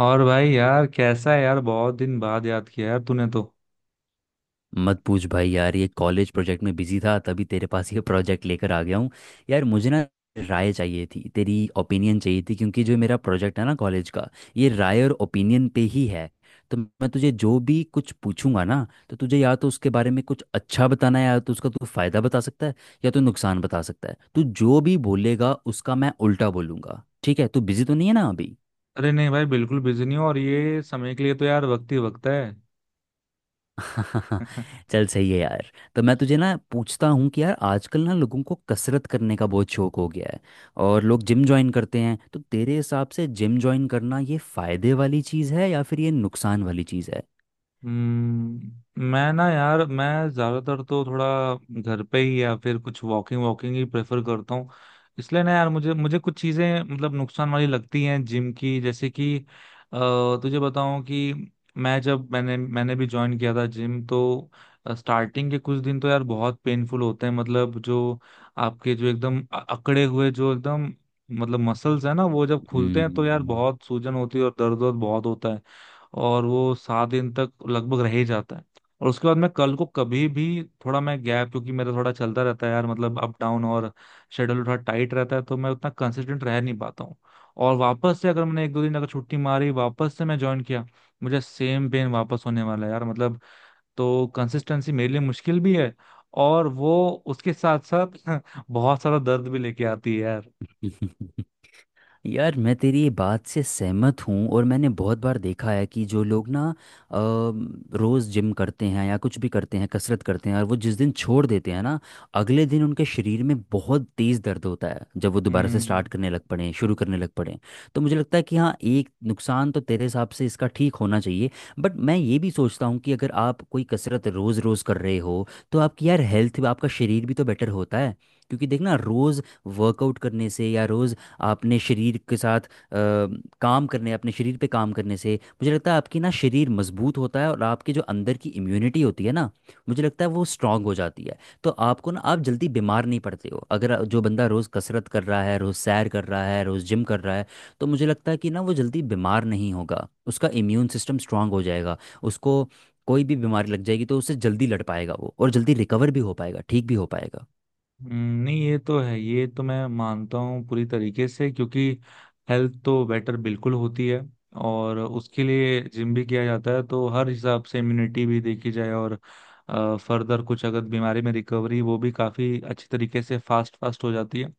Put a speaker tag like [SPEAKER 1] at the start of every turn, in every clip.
[SPEAKER 1] और भाई यार कैसा है यार। बहुत दिन बाद याद किया यार तूने तो।
[SPEAKER 2] मत पूछ भाई यार, ये कॉलेज प्रोजेक्ट में बिजी था, तभी तेरे पास ये प्रोजेक्ट लेकर आ गया हूँ। यार मुझे ना राय चाहिए थी, तेरी ओपिनियन चाहिए थी, क्योंकि जो मेरा प्रोजेक्ट है ना कॉलेज का, ये राय और ओपिनियन पे ही है। तो मैं तुझे जो भी कुछ पूछूंगा ना, तो तुझे या तो उसके बारे में कुछ अच्छा बताना है, या तो उसका तू फायदा बता सकता है, या तो नुकसान बता सकता है। तू जो भी बोलेगा उसका मैं उल्टा बोलूंगा। ठीक है, तू बिजी तो नहीं है ना अभी?
[SPEAKER 1] अरे नहीं भाई बिल्कुल बिजी नहीं हो। और ये समय के लिए तो यार वक्त ही वक्त है।
[SPEAKER 2] चल, सही है यार। तो मैं तुझे ना पूछता हूँ कि यार आजकल ना लोगों को कसरत करने का बहुत शौक हो गया है और लोग जिम ज्वाइन करते हैं। तो तेरे हिसाब से जिम ज्वाइन करना ये फायदे वाली चीज़ है या फिर ये नुकसान वाली चीज़ है?
[SPEAKER 1] हम्म। मैं ना यार मैं ज्यादातर तो थोड़ा घर पे ही या फिर कुछ वॉकिंग वॉकिंग ही प्रेफर करता हूँ। इसलिए ना यार मुझे मुझे कुछ चीजें मतलब नुकसान वाली लगती हैं जिम की, जैसे कि अ, तुझे बताऊं कि मैं जब मैंने मैंने भी ज्वाइन किया था जिम, तो स्टार्टिंग के कुछ दिन तो यार बहुत पेनफुल होते हैं। मतलब जो आपके जो एकदम अकड़े हुए जो एकदम मतलब मसल्स है ना, वो जब खुलते हैं तो यार
[SPEAKER 2] हम्म।
[SPEAKER 1] बहुत सूजन होती है और दर्द वर्द बहुत होता है। और वो 7 दिन तक लगभग रह ही जाता है। और उसके बाद मैं कल को कभी भी थोड़ा मैं गैप, क्योंकि मेरा थोड़ा चलता रहता है यार, मतलब अप डाउन। और शेड्यूल थोड़ा टाइट रहता है तो मैं उतना कंसिस्टेंट रह नहीं पाता हूँ। और वापस से अगर मैंने एक दो दिन अगर छुट्टी मारी, वापस से मैं ज्वाइन किया, मुझे सेम पेन वापस होने वाला है यार मतलब। तो कंसिस्टेंसी मेरे लिए मुश्किल भी है। और वो उसके साथ साथ बहुत सारा दर्द भी लेके आती है यार।
[SPEAKER 2] यार मैं तेरी ये बात से सहमत हूँ, और मैंने बहुत बार देखा है कि जो लोग ना अ, रोज़ जिम करते हैं या कुछ भी करते हैं, कसरत करते हैं, और वो जिस दिन छोड़ देते हैं ना, अगले दिन उनके शरीर में बहुत तेज़ दर्द होता है जब वो दोबारा से
[SPEAKER 1] हम्म।
[SPEAKER 2] स्टार्ट करने लग पड़े, शुरू करने लग पड़े। तो मुझे लगता है कि हाँ, एक नुकसान तो तेरे हिसाब से इसका ठीक होना चाहिए। बट मैं ये भी सोचता हूँ कि अगर आप कोई कसरत रोज़ रोज़ कर रहे हो तो आपकी यार हेल्थ, आपका शरीर भी तो बेटर होता है। क्योंकि देखना, रोज़ वर्कआउट करने से या रोज़ आपने शरीर के साथ काम करने, अपने शरीर पे काम करने से मुझे लगता है आपकी ना शरीर मजबूत होता है, और आपके जो अंदर की इम्यूनिटी होती है ना, मुझे लगता है वो स्ट्रांग हो जाती है। तो आपको ना आप जल्दी बीमार नहीं पड़ते हो। अगर जो बंदा रोज़ कसरत कर रहा है, रोज़ सैर कर रहा है, रोज़ जिम कर रहा है, तो मुझे लगता है कि ना वो जल्दी बीमार नहीं होगा, उसका इम्यून सिस्टम स्ट्रांग हो जाएगा। उसको कोई भी बीमारी लग जाएगी तो उससे जल्दी लड़ पाएगा वो, और जल्दी रिकवर भी हो पाएगा, ठीक भी हो पाएगा।
[SPEAKER 1] नहीं ये तो है। ये तो मैं मानता हूँ पूरी तरीके से, क्योंकि हेल्थ तो बेटर बिल्कुल होती है। और उसके लिए जिम भी किया जाता है, तो हर हिसाब से इम्यूनिटी भी देखी जाए, और फर्दर कुछ अगर बीमारी में रिकवरी, वो भी काफी अच्छी तरीके से फास्ट फास्ट हो जाती है।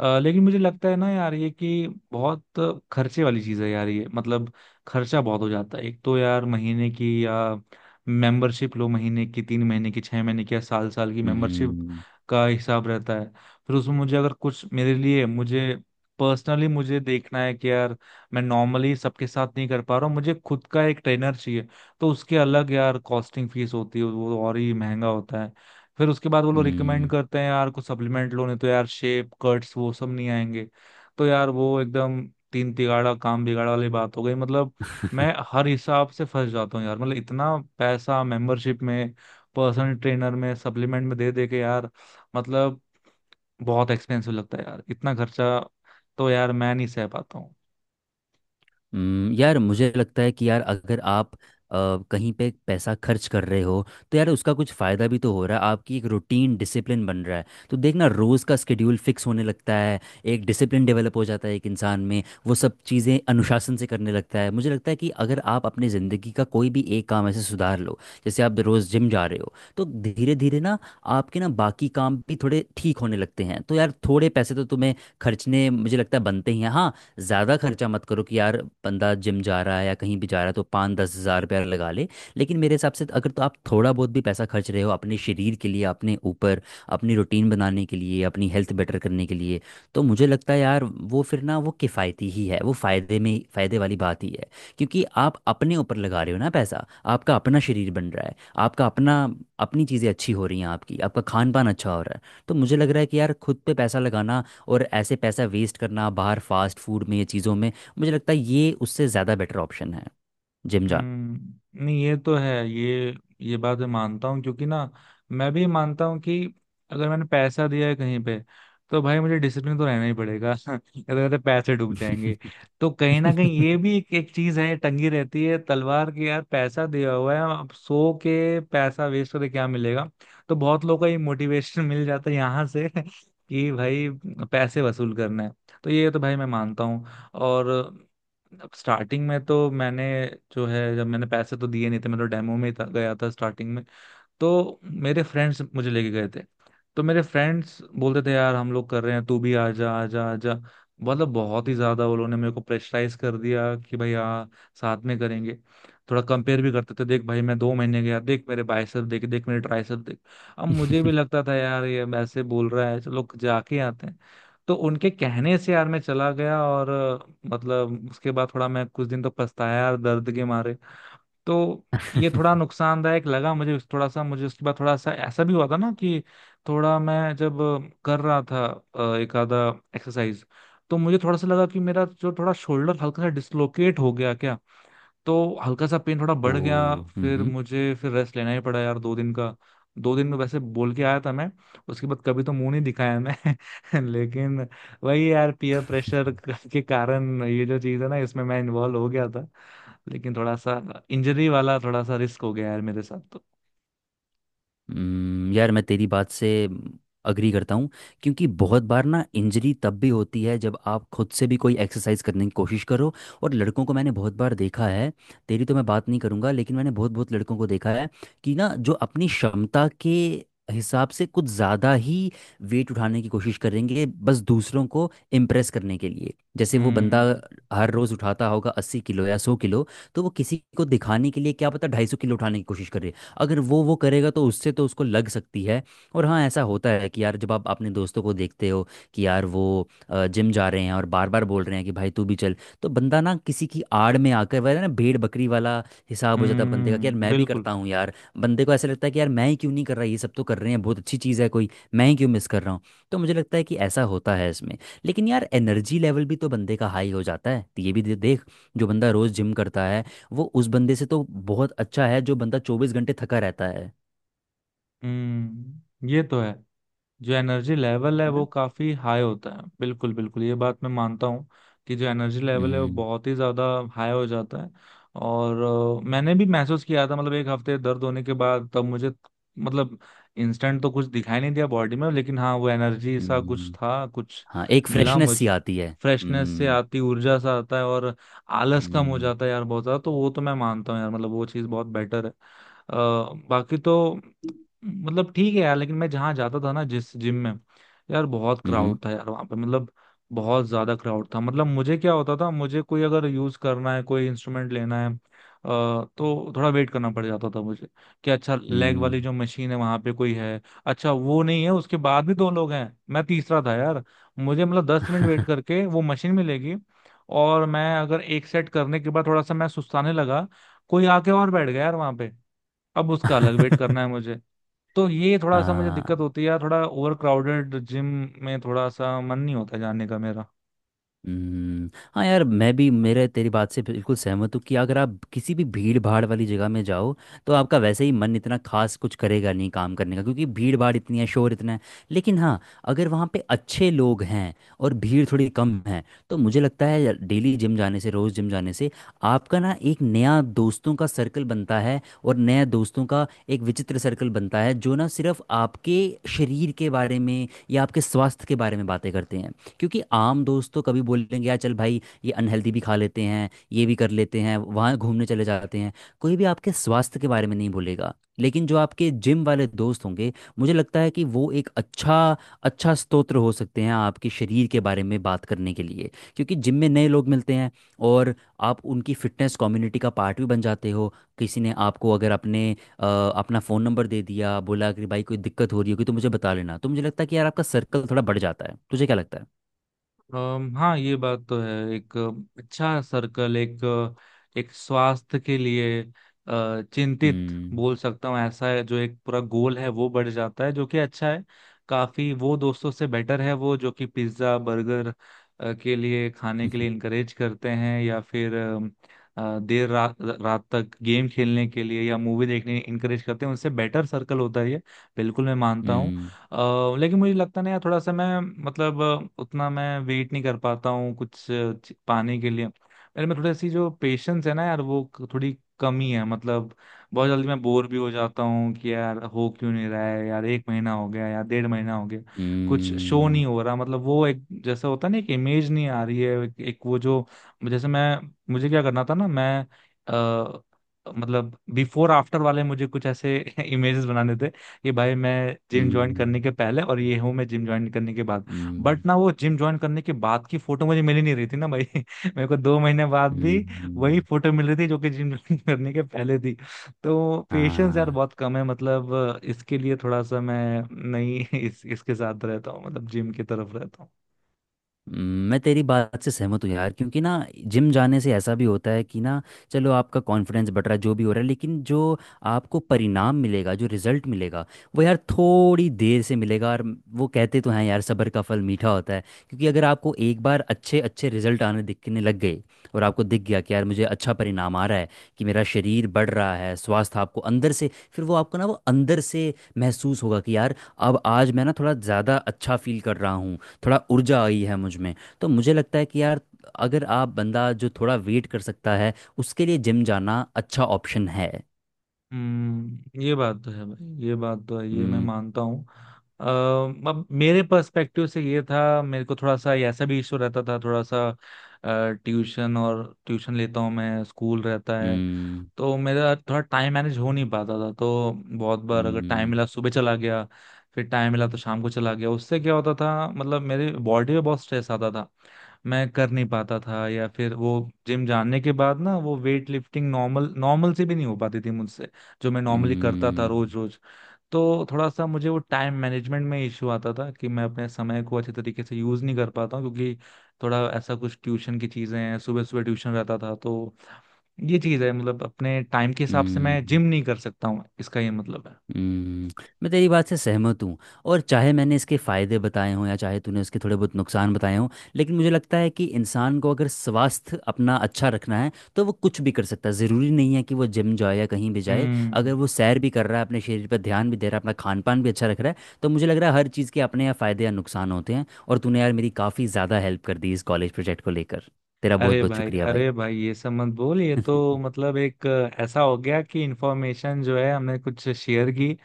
[SPEAKER 1] लेकिन मुझे लगता है ना यार ये कि बहुत खर्चे वाली चीज है यार ये, मतलब खर्चा बहुत हो जाता है। एक तो यार महीने की, या मेंबरशिप लो महीने की, 3 महीने की, 6 महीने की, या साल साल की मेंबरशिप
[SPEAKER 2] हम्म।
[SPEAKER 1] का हिसाब रहता है। फिर उसमें मुझे अगर कुछ, मेरे लिए मुझे पर्सनली मुझे देखना है कि यार मैं नॉर्मली सबके साथ नहीं कर पा रहा हूँ, मुझे खुद का एक ट्रेनर चाहिए, तो उसके अलग यार कॉस्टिंग फीस होती है, वो और ही महंगा होता है। फिर उसके बाद वो लोग रिकमेंड
[SPEAKER 2] हम्म।
[SPEAKER 1] करते हैं यार, कुछ सप्लीमेंट लो नहीं तो यार शेप कट्स वो सब नहीं आएंगे। तो यार वो एकदम तीन तिगाड़ा काम बिगाड़ा वाली बात हो गई मतलब। मैं हर हिसाब से फंस जाता हूँ यार, मतलब इतना पैसा मेंबरशिप में, पर्सनल ट्रेनर में, सप्लीमेंट में दे दे के यार, मतलब बहुत एक्सपेंसिव लगता है यार इतना खर्चा। तो यार मैं नहीं सह पाता।
[SPEAKER 2] यार मुझे लगता है कि यार अगर आप अ, कहीं पे पैसा खर्च कर रहे हो, तो यार उसका कुछ फ़ायदा भी तो हो रहा है। आपकी एक रूटीन डिसिप्लिन बन रहा है। तो देखना, रोज़ का स्केड्यूल फिक्स होने लगता है। एक डिसिप्लिन डेवलप हो जाता है एक इंसान में, वो सब चीज़ें अनुशासन से करने लगता है। मुझे लगता है कि अगर आप अपनी ज़िंदगी का कोई भी एक काम ऐसे सुधार लो, जैसे आप रोज़ जिम जा रहे हो, तो धीरे धीरे ना आपके ना बाकी काम भी थोड़े ठीक होने लगते हैं। तो यार थोड़े पैसे तो तुम्हें खर्चने मुझे लगता है बनते ही हैं। हाँ, ज़्यादा खर्चा मत करो कि यार बंदा जिम जा रहा है या कहीं भी जा रहा है तो 5-10 हज़ार रुपया लगा ले। लेकिन मेरे हिसाब से अगर तो आप थोड़ा बहुत भी पैसा खर्च रहे हो अपने शरीर के लिए, अपने ऊपर, अपनी रूटीन बनाने के लिए, अपनी हेल्थ बेटर करने के लिए, तो मुझे लगता है यार वो फिर ना वो किफ़ायती ही है, वो फ़ायदे में, फ़ायदे वाली बात ही है। क्योंकि आप अपने ऊपर लगा रहे हो ना पैसा, आपका अपना शरीर बन रहा है, आपका अपना, अपनी चीज़ें अच्छी हो रही हैं, आपकी आपका खान पान अच्छा हो रहा है। तो मुझे लग रहा है कि यार खुद पे पैसा लगाना, और ऐसे पैसा वेस्ट करना बाहर फास्ट फूड में, ये चीज़ों में, मुझे लगता है ये उससे ज़्यादा बेटर ऑप्शन है जिम जाना।
[SPEAKER 1] हम्म, नहीं ये तो है। ये बात मैं मानता हूँ, क्योंकि ना मैं भी मानता हूँ कि अगर मैंने पैसा दिया है कहीं पे, तो भाई मुझे डिसिप्लिन तो रहना ही पड़ेगा अगर तो पैसे डूब जाएंगे। तो कहीं ना कहीं ये भी एक चीज है, टंगी रहती है तलवार की यार, पैसा दिया हुआ है, अब सो के पैसा वेस्ट करके क्या मिलेगा। तो बहुत लोगों को ये मोटिवेशन मिल जाता है यहाँ से कि भाई पैसे वसूल करना है। तो ये तो भाई मैं मानता हूँ। और अब स्टार्टिंग में तो मैंने, जो है जब मैंने पैसे तो दिए नहीं थे, मैं तो डेमो में ही था, गया था स्टार्टिंग में। तो मेरे फ्रेंड्स मुझे लेके गए थे। तो मेरे फ्रेंड्स बोलते थे यार हम लोग कर रहे हैं तू भी आ जा आ जा आ जा। मतलब बहुत ही ज्यादा वो लोगों ने मेरे को प्रेशराइज कर दिया कि भाई हाँ साथ में करेंगे। थोड़ा कंपेयर भी करते थे, देख भाई मैं 2 महीने गया, देख मेरे बाइसेप देख, देख मेरे ट्राइसेप देख। अब मुझे भी लगता था यार ये ऐसे बोल रहा है, चलो जाके आते हैं। तो उनके कहने से यार मैं चला गया, और मतलब उसके बाद थोड़ा मैं कुछ दिन तो पछताया यार दर्द के मारे। तो ये थोड़ा नुकसानदायक लगा मुझे। थोड़ा सा मुझे उसके बाद थोड़ा सा ऐसा भी हुआ था ना कि, थोड़ा मैं जब कर रहा था एक आधा एक्सरसाइज, तो मुझे थोड़ा सा लगा कि मेरा जो थोड़ा शोल्डर हल्का सा डिसलोकेट हो गया क्या। तो हल्का सा पेन थोड़ा
[SPEAKER 2] ओ
[SPEAKER 1] बढ़ गया, फिर
[SPEAKER 2] हम्म।
[SPEAKER 1] मुझे फिर रेस्ट लेना ही पड़ा यार 2 दिन का। 2 दिन में वैसे बोल के आया था मैं, उसके बाद कभी तो मुंह नहीं दिखाया मैं लेकिन वही यार पीयर प्रेशर के कारण ये जो चीज है ना, इसमें मैं इन्वॉल्व हो गया, लेकिन थोड़ा सा इंजरी वाला थोड़ा सा रिस्क हो गया यार मेरे साथ तो।
[SPEAKER 2] यार मैं तेरी बात से अग्री करता हूँ, क्योंकि बहुत बार ना इंजरी तब भी होती है जब आप खुद से भी कोई एक्सरसाइज करने की कोशिश करो। और लड़कों को मैंने बहुत बार देखा है। तेरी तो मैं बात नहीं करूँगा, लेकिन मैंने बहुत बहुत लड़कों को देखा है कि ना जो अपनी क्षमता के हिसाब से कुछ ज़्यादा ही वेट उठाने की कोशिश करेंगे, बस दूसरों को इम्प्रेस करने के लिए। जैसे वो बंदा
[SPEAKER 1] हम्म।
[SPEAKER 2] हर रोज़ उठाता होगा 80 किलो या 100 किलो, तो वो किसी को दिखाने के लिए क्या पता 250 किलो उठाने की कोशिश, अगर वो करेगा, तो उससे तो उसको लग सकती है। और हाँ, ऐसा होता है कि यार जब आप अपने दोस्तों को देखते हो कि यार वो जिम जा रहे हैं और बार बार बोल रहे हैं कि भाई तू भी चल, तो बंदा ना किसी की आड़ में आकर वह ना, भेड़ बकरी वाला हिसाब हो जाता है बंदे का कि यार
[SPEAKER 1] हम्म,
[SPEAKER 2] मैं भी
[SPEAKER 1] बिल्कुल।
[SPEAKER 2] करता हूँ यार। बंदे को ऐसा लगता है कि यार मैं ही क्यों नहीं कर रहा, ये सब तो कर रहे हैं, बहुत अच्छी चीज़ है कोई, मैं ही क्यों मिस कर रहा हूँ। तो मुझे लगता है कि ऐसा होता है इसमें। लेकिन यार एनर्जी लेवल भी तो बंदे का हाई हो जाता है, ये भी देख। जो बंदा रोज़ जिम करता है वो उस बंदे से तो बहुत अच्छा है जो बंदा 24 घंटे थका रहता है।
[SPEAKER 1] हम्म, ये तो है। जो एनर्जी लेवल है
[SPEAKER 2] है
[SPEAKER 1] वो
[SPEAKER 2] ना?
[SPEAKER 1] काफी हाई होता है, बिल्कुल बिल्कुल ये बात मैं मानता हूँ कि जो एनर्जी लेवल है वो
[SPEAKER 2] हम्म।
[SPEAKER 1] बहुत ही ज्यादा हाई हो जाता है। और मैंने भी महसूस किया था, मतलब एक हफ्ते दर्द होने के बाद तब मुझे मतलब इंस्टेंट तो कुछ दिखाई नहीं दिया बॉडी में, लेकिन हाँ वो एनर्जी सा कुछ
[SPEAKER 2] हम्म,
[SPEAKER 1] था, कुछ
[SPEAKER 2] हाँ, एक
[SPEAKER 1] मिला
[SPEAKER 2] फ्रेशनेस सी
[SPEAKER 1] मुझे,
[SPEAKER 2] आती है।
[SPEAKER 1] फ्रेशनेस से
[SPEAKER 2] हम्म।
[SPEAKER 1] आती ऊर्जा सा आता है। और आलस कम हो
[SPEAKER 2] हम्म।
[SPEAKER 1] जाता है यार बहुत ज्यादा, तो वो तो मैं मानता हूँ यार, मतलब वो चीज़ बहुत बेटर है। बाकी तो मतलब ठीक है यार, लेकिन मैं जहाँ जाता था ना, जिस जिम में, यार बहुत
[SPEAKER 2] हम्म।
[SPEAKER 1] क्राउड था यार वहाँ पे, मतलब बहुत ज्यादा क्राउड था। मतलब मुझे क्या होता था, मुझे कोई अगर यूज करना है, कोई इंस्ट्रूमेंट लेना है, तो थोड़ा वेट करना पड़ जाता था मुझे, कि अच्छा लेग
[SPEAKER 2] हम्म,
[SPEAKER 1] वाली जो मशीन है वहाँ पे कोई है, अच्छा वो नहीं है, उसके बाद भी दो लोग हैं, मैं तीसरा था यार। मुझे मतलब 10 मिनट वेट करके वो मशीन मिलेगी, और मैं अगर एक सेट करने के बाद थोड़ा सा मैं सुस्ताने लगा, कोई आके और बैठ गया यार वहाँ पे, अब उसका अलग वेट करना है मुझे। तो ये थोड़ा सा मुझे
[SPEAKER 2] हाँ।
[SPEAKER 1] दिक्कत होती है यार, थोड़ा ओवर क्राउडेड जिम में थोड़ा सा मन नहीं होता जाने का मेरा।
[SPEAKER 2] हम्म, हाँ, यार मैं भी मेरे तेरी बात से बिल्कुल सहमत हूँ कि अगर आप किसी भी भीड़ भाड़ वाली जगह में जाओ, तो आपका वैसे ही मन इतना खास कुछ करेगा नहीं काम करने का, क्योंकि भीड़ भाड़ इतनी है, शोर इतना है। लेकिन हाँ, अगर वहाँ पे अच्छे लोग हैं और भीड़ थोड़ी कम है, तो मुझे लगता है डेली जिम जाने से, रोज़ जिम जाने से, आपका ना एक नया दोस्तों का सर्कल बनता है, और नया दोस्तों का एक विचित्र सर्कल बनता है जो ना सिर्फ आपके शरीर के बारे में या आपके स्वास्थ्य के बारे में बातें करते हैं। क्योंकि आम दोस्त तो कभी बोलेंगे यार चल भाई ये अनहेल्दी भी खा लेते हैं, ये भी कर लेते हैं, वहाँ घूमने चले जाते हैं। कोई भी आपके स्वास्थ्य के बारे में नहीं बोलेगा। लेकिन जो आपके जिम वाले दोस्त होंगे, मुझे लगता है कि वो एक अच्छा अच्छा स्तोत्र हो सकते हैं आपके शरीर के बारे में बात करने के लिए। क्योंकि जिम में नए लोग मिलते हैं, और आप उनकी फिटनेस कम्युनिटी का पार्ट भी बन जाते हो। किसी ने आपको अगर अपने अपना फ़ोन नंबर दे दिया, बोला कि भाई कोई दिक्कत हो रही होगी तो मुझे बता लेना, तो मुझे लगता है कि यार आपका सर्कल थोड़ा बढ़ जाता है। तुझे क्या लगता है?
[SPEAKER 1] हाँ ये बात तो है, एक अच्छा सर्कल, एक एक स्वास्थ्य के लिए चिंतित
[SPEAKER 2] हम्म।
[SPEAKER 1] बोल सकता हूँ ऐसा है, जो एक पूरा गोल है वो बढ़ जाता है, जो कि अच्छा है। काफी वो दोस्तों से बेटर है वो जो कि पिज्जा बर्गर के लिए, खाने के लिए इनकरेज करते हैं, या फिर देर रात रात तक गेम खेलने के लिए या मूवी देखने इनकरेज करते हैं, उनसे बेटर सर्कल होता है ये, बिल्कुल मैं मानता हूँ।
[SPEAKER 2] हम्म।
[SPEAKER 1] लेकिन मुझे लगता नहीं है, थोड़ा सा मैं मतलब उतना मैं वेट नहीं कर पाता हूँ कुछ पाने के लिए, मेरे में थोड़ी सी जो पेशेंस है ना यार वो थोड़ी कमी है मतलब। बहुत जल्दी मैं बोर भी हो जाता हूँ कि यार हो क्यों नहीं रहा है यार, एक महीना हो गया यार, 1.5 महीना हो गया, कुछ शो
[SPEAKER 2] हम्म।
[SPEAKER 1] नहीं हो रहा, मतलब वो एक जैसा होता है ना, एक इमेज नहीं आ रही है, एक वो जो, जैसे मैं, मुझे क्या करना था ना, मैं अ, मतलब बिफोर आफ्टर वाले मुझे कुछ ऐसे इमेजेस बनाने थे कि भाई मैं जिम ज्वाइन
[SPEAKER 2] हम्म।
[SPEAKER 1] करने के पहले, और ये हूँ मैं जिम ज्वाइन करने के बाद।
[SPEAKER 2] हम्म।
[SPEAKER 1] बट ना वो जिम ज्वाइन करने के बाद की फोटो मुझे मिल ही नहीं रही थी ना भाई मेरे को 2 महीने बाद भी वही
[SPEAKER 2] हम्म।
[SPEAKER 1] फोटो मिल रही थी जो कि जिम ज्वाइन करने के पहले थी। तो पेशेंस यार
[SPEAKER 2] हाँ।
[SPEAKER 1] बहुत कम है, मतलब इसके लिए थोड़ा सा मैं नहीं इस इसके साथ रहता हूँ, मतलब जिम की तरफ रहता हूँ।
[SPEAKER 2] हम्म, मैं तेरी बात से सहमत हूँ यार, क्योंकि ना जिम जाने से ऐसा भी होता है कि ना, चलो, आपका कॉन्फिडेंस बढ़ रहा है, जो भी हो रहा है, लेकिन जो आपको परिणाम मिलेगा, जो रिजल्ट मिलेगा, वो यार थोड़ी देर से मिलेगा। और वो कहते तो हैं यार सब्र का फल मीठा होता है। क्योंकि अगर आपको एक बार अच्छे अच्छे रिजल्ट आने, दिखने लग गए, और आपको दिख गया कि यार मुझे अच्छा परिणाम आ रहा है, कि मेरा शरीर बढ़ रहा है, स्वास्थ्य आपको अंदर से, फिर वो आपको ना वो अंदर से महसूस होगा कि यार अब आज मैं ना थोड़ा ज़्यादा अच्छा फील कर रहा हूँ, थोड़ा ऊर्जा आई है मुझ में। तो मुझे लगता है कि यार अगर आप, बंदा जो थोड़ा वेट कर सकता है, उसके लिए जिम जाना अच्छा ऑप्शन है।
[SPEAKER 1] हम्म, ये बात तो है भाई, ये बात तो है, ये मैं
[SPEAKER 2] हम्म।
[SPEAKER 1] मानता हूँ। अ, अब मेरे पर्सपेक्टिव से ये था, मेरे को थोड़ा सा ऐसा भी इशू रहता था, थोड़ा सा ट्यूशन और ट्यूशन लेता हूँ मैं, स्कूल रहता है,
[SPEAKER 2] हम्म।
[SPEAKER 1] तो मेरा थोड़ा टाइम मैनेज हो नहीं पाता था। तो बहुत बार अगर टाइम
[SPEAKER 2] हम्म।
[SPEAKER 1] मिला सुबह चला गया, फिर टाइम मिला तो शाम को चला गया। उससे क्या होता था मतलब मेरे बॉडी पे बहुत स्ट्रेस आता था, मैं कर नहीं पाता था, या फिर वो जिम जानने के बाद ना वो वेट लिफ्टिंग नॉर्मल नॉर्मल से भी नहीं हो पाती थी मुझसे, जो मैं नॉर्मली करता था
[SPEAKER 2] हम्म।
[SPEAKER 1] रोज रोज। तो थोड़ा सा मुझे वो टाइम मैनेजमेंट में इश्यू आता था, कि मैं अपने समय को अच्छे तरीके से यूज नहीं कर पाता हूँ, क्योंकि थोड़ा ऐसा कुछ ट्यूशन की चीजें हैं, सुबह सुबह ट्यूशन रहता था, तो ये चीज है, मतलब अपने टाइम के हिसाब से मैं
[SPEAKER 2] हम्म,
[SPEAKER 1] जिम नहीं कर सकता हूँ, इसका ये मतलब है।
[SPEAKER 2] हम्म, मैं तेरी बात से सहमत हूँ। और चाहे मैंने इसके फायदे बताए हों या चाहे तूने इसके थोड़े बहुत नुकसान बताए हों, लेकिन मुझे लगता है कि इंसान को अगर स्वास्थ्य अपना अच्छा रखना है, तो वो कुछ भी कर सकता है। ज़रूरी नहीं है कि वो जिम जाए या कहीं भी जाए, अगर
[SPEAKER 1] हम्म।
[SPEAKER 2] वो सैर भी कर रहा है, अपने शरीर पर ध्यान भी दे रहा है, अपना खान पान भी अच्छा रख रहा है, तो मुझे लग रहा है हर चीज़ के अपने यहाँ फ़ायदे या नुकसान होते हैं। और तूने यार मेरी काफ़ी ज़्यादा हेल्प कर दी इस कॉलेज प्रोजेक्ट को लेकर। तेरा बहुत बहुत शुक्रिया भाई।
[SPEAKER 1] अरे भाई ये सब मत बोल, ये तो मतलब एक ऐसा हो गया कि इन्फॉर्मेशन जो है हमने कुछ शेयर की,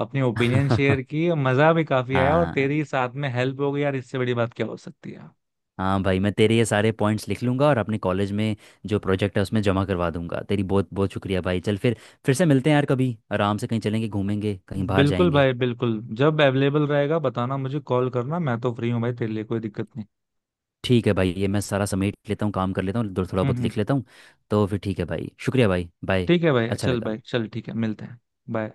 [SPEAKER 1] अपनी ओपिनियन शेयर की, मजा भी काफी आया, और
[SPEAKER 2] हाँ।
[SPEAKER 1] तेरी साथ में हेल्प हो गई यार, इससे बड़ी बात क्या हो सकती है।
[SPEAKER 2] हाँ भाई, मैं तेरे ये सारे पॉइंट्स लिख लूँगा और अपने कॉलेज में जो प्रोजेक्ट है उसमें जमा करवा दूंगा। तेरी बहुत बहुत शुक्रिया भाई। चल फिर से मिलते हैं यार, कभी आराम से कहीं चलेंगे, घूमेंगे, कहीं बाहर
[SPEAKER 1] बिल्कुल
[SPEAKER 2] जाएंगे।
[SPEAKER 1] भाई बिल्कुल, जब अवेलेबल रहेगा बताना, मुझे कॉल करना, मैं तो फ्री हूँ भाई तेरे लिए, कोई दिक्कत नहीं।
[SPEAKER 2] ठीक है भाई, ये मैं सारा समेट लेता हूँ, काम कर लेता हूँ, थोड़ा
[SPEAKER 1] हम्म।
[SPEAKER 2] बहुत
[SPEAKER 1] हम्म।
[SPEAKER 2] लिख लेता हूँ। तो फिर ठीक है भाई, शुक्रिया भाई, बाय।
[SPEAKER 1] ठीक है भाई,
[SPEAKER 2] अच्छा
[SPEAKER 1] चल
[SPEAKER 2] लगा।
[SPEAKER 1] भाई चल, ठीक है, मिलते हैं। बाय।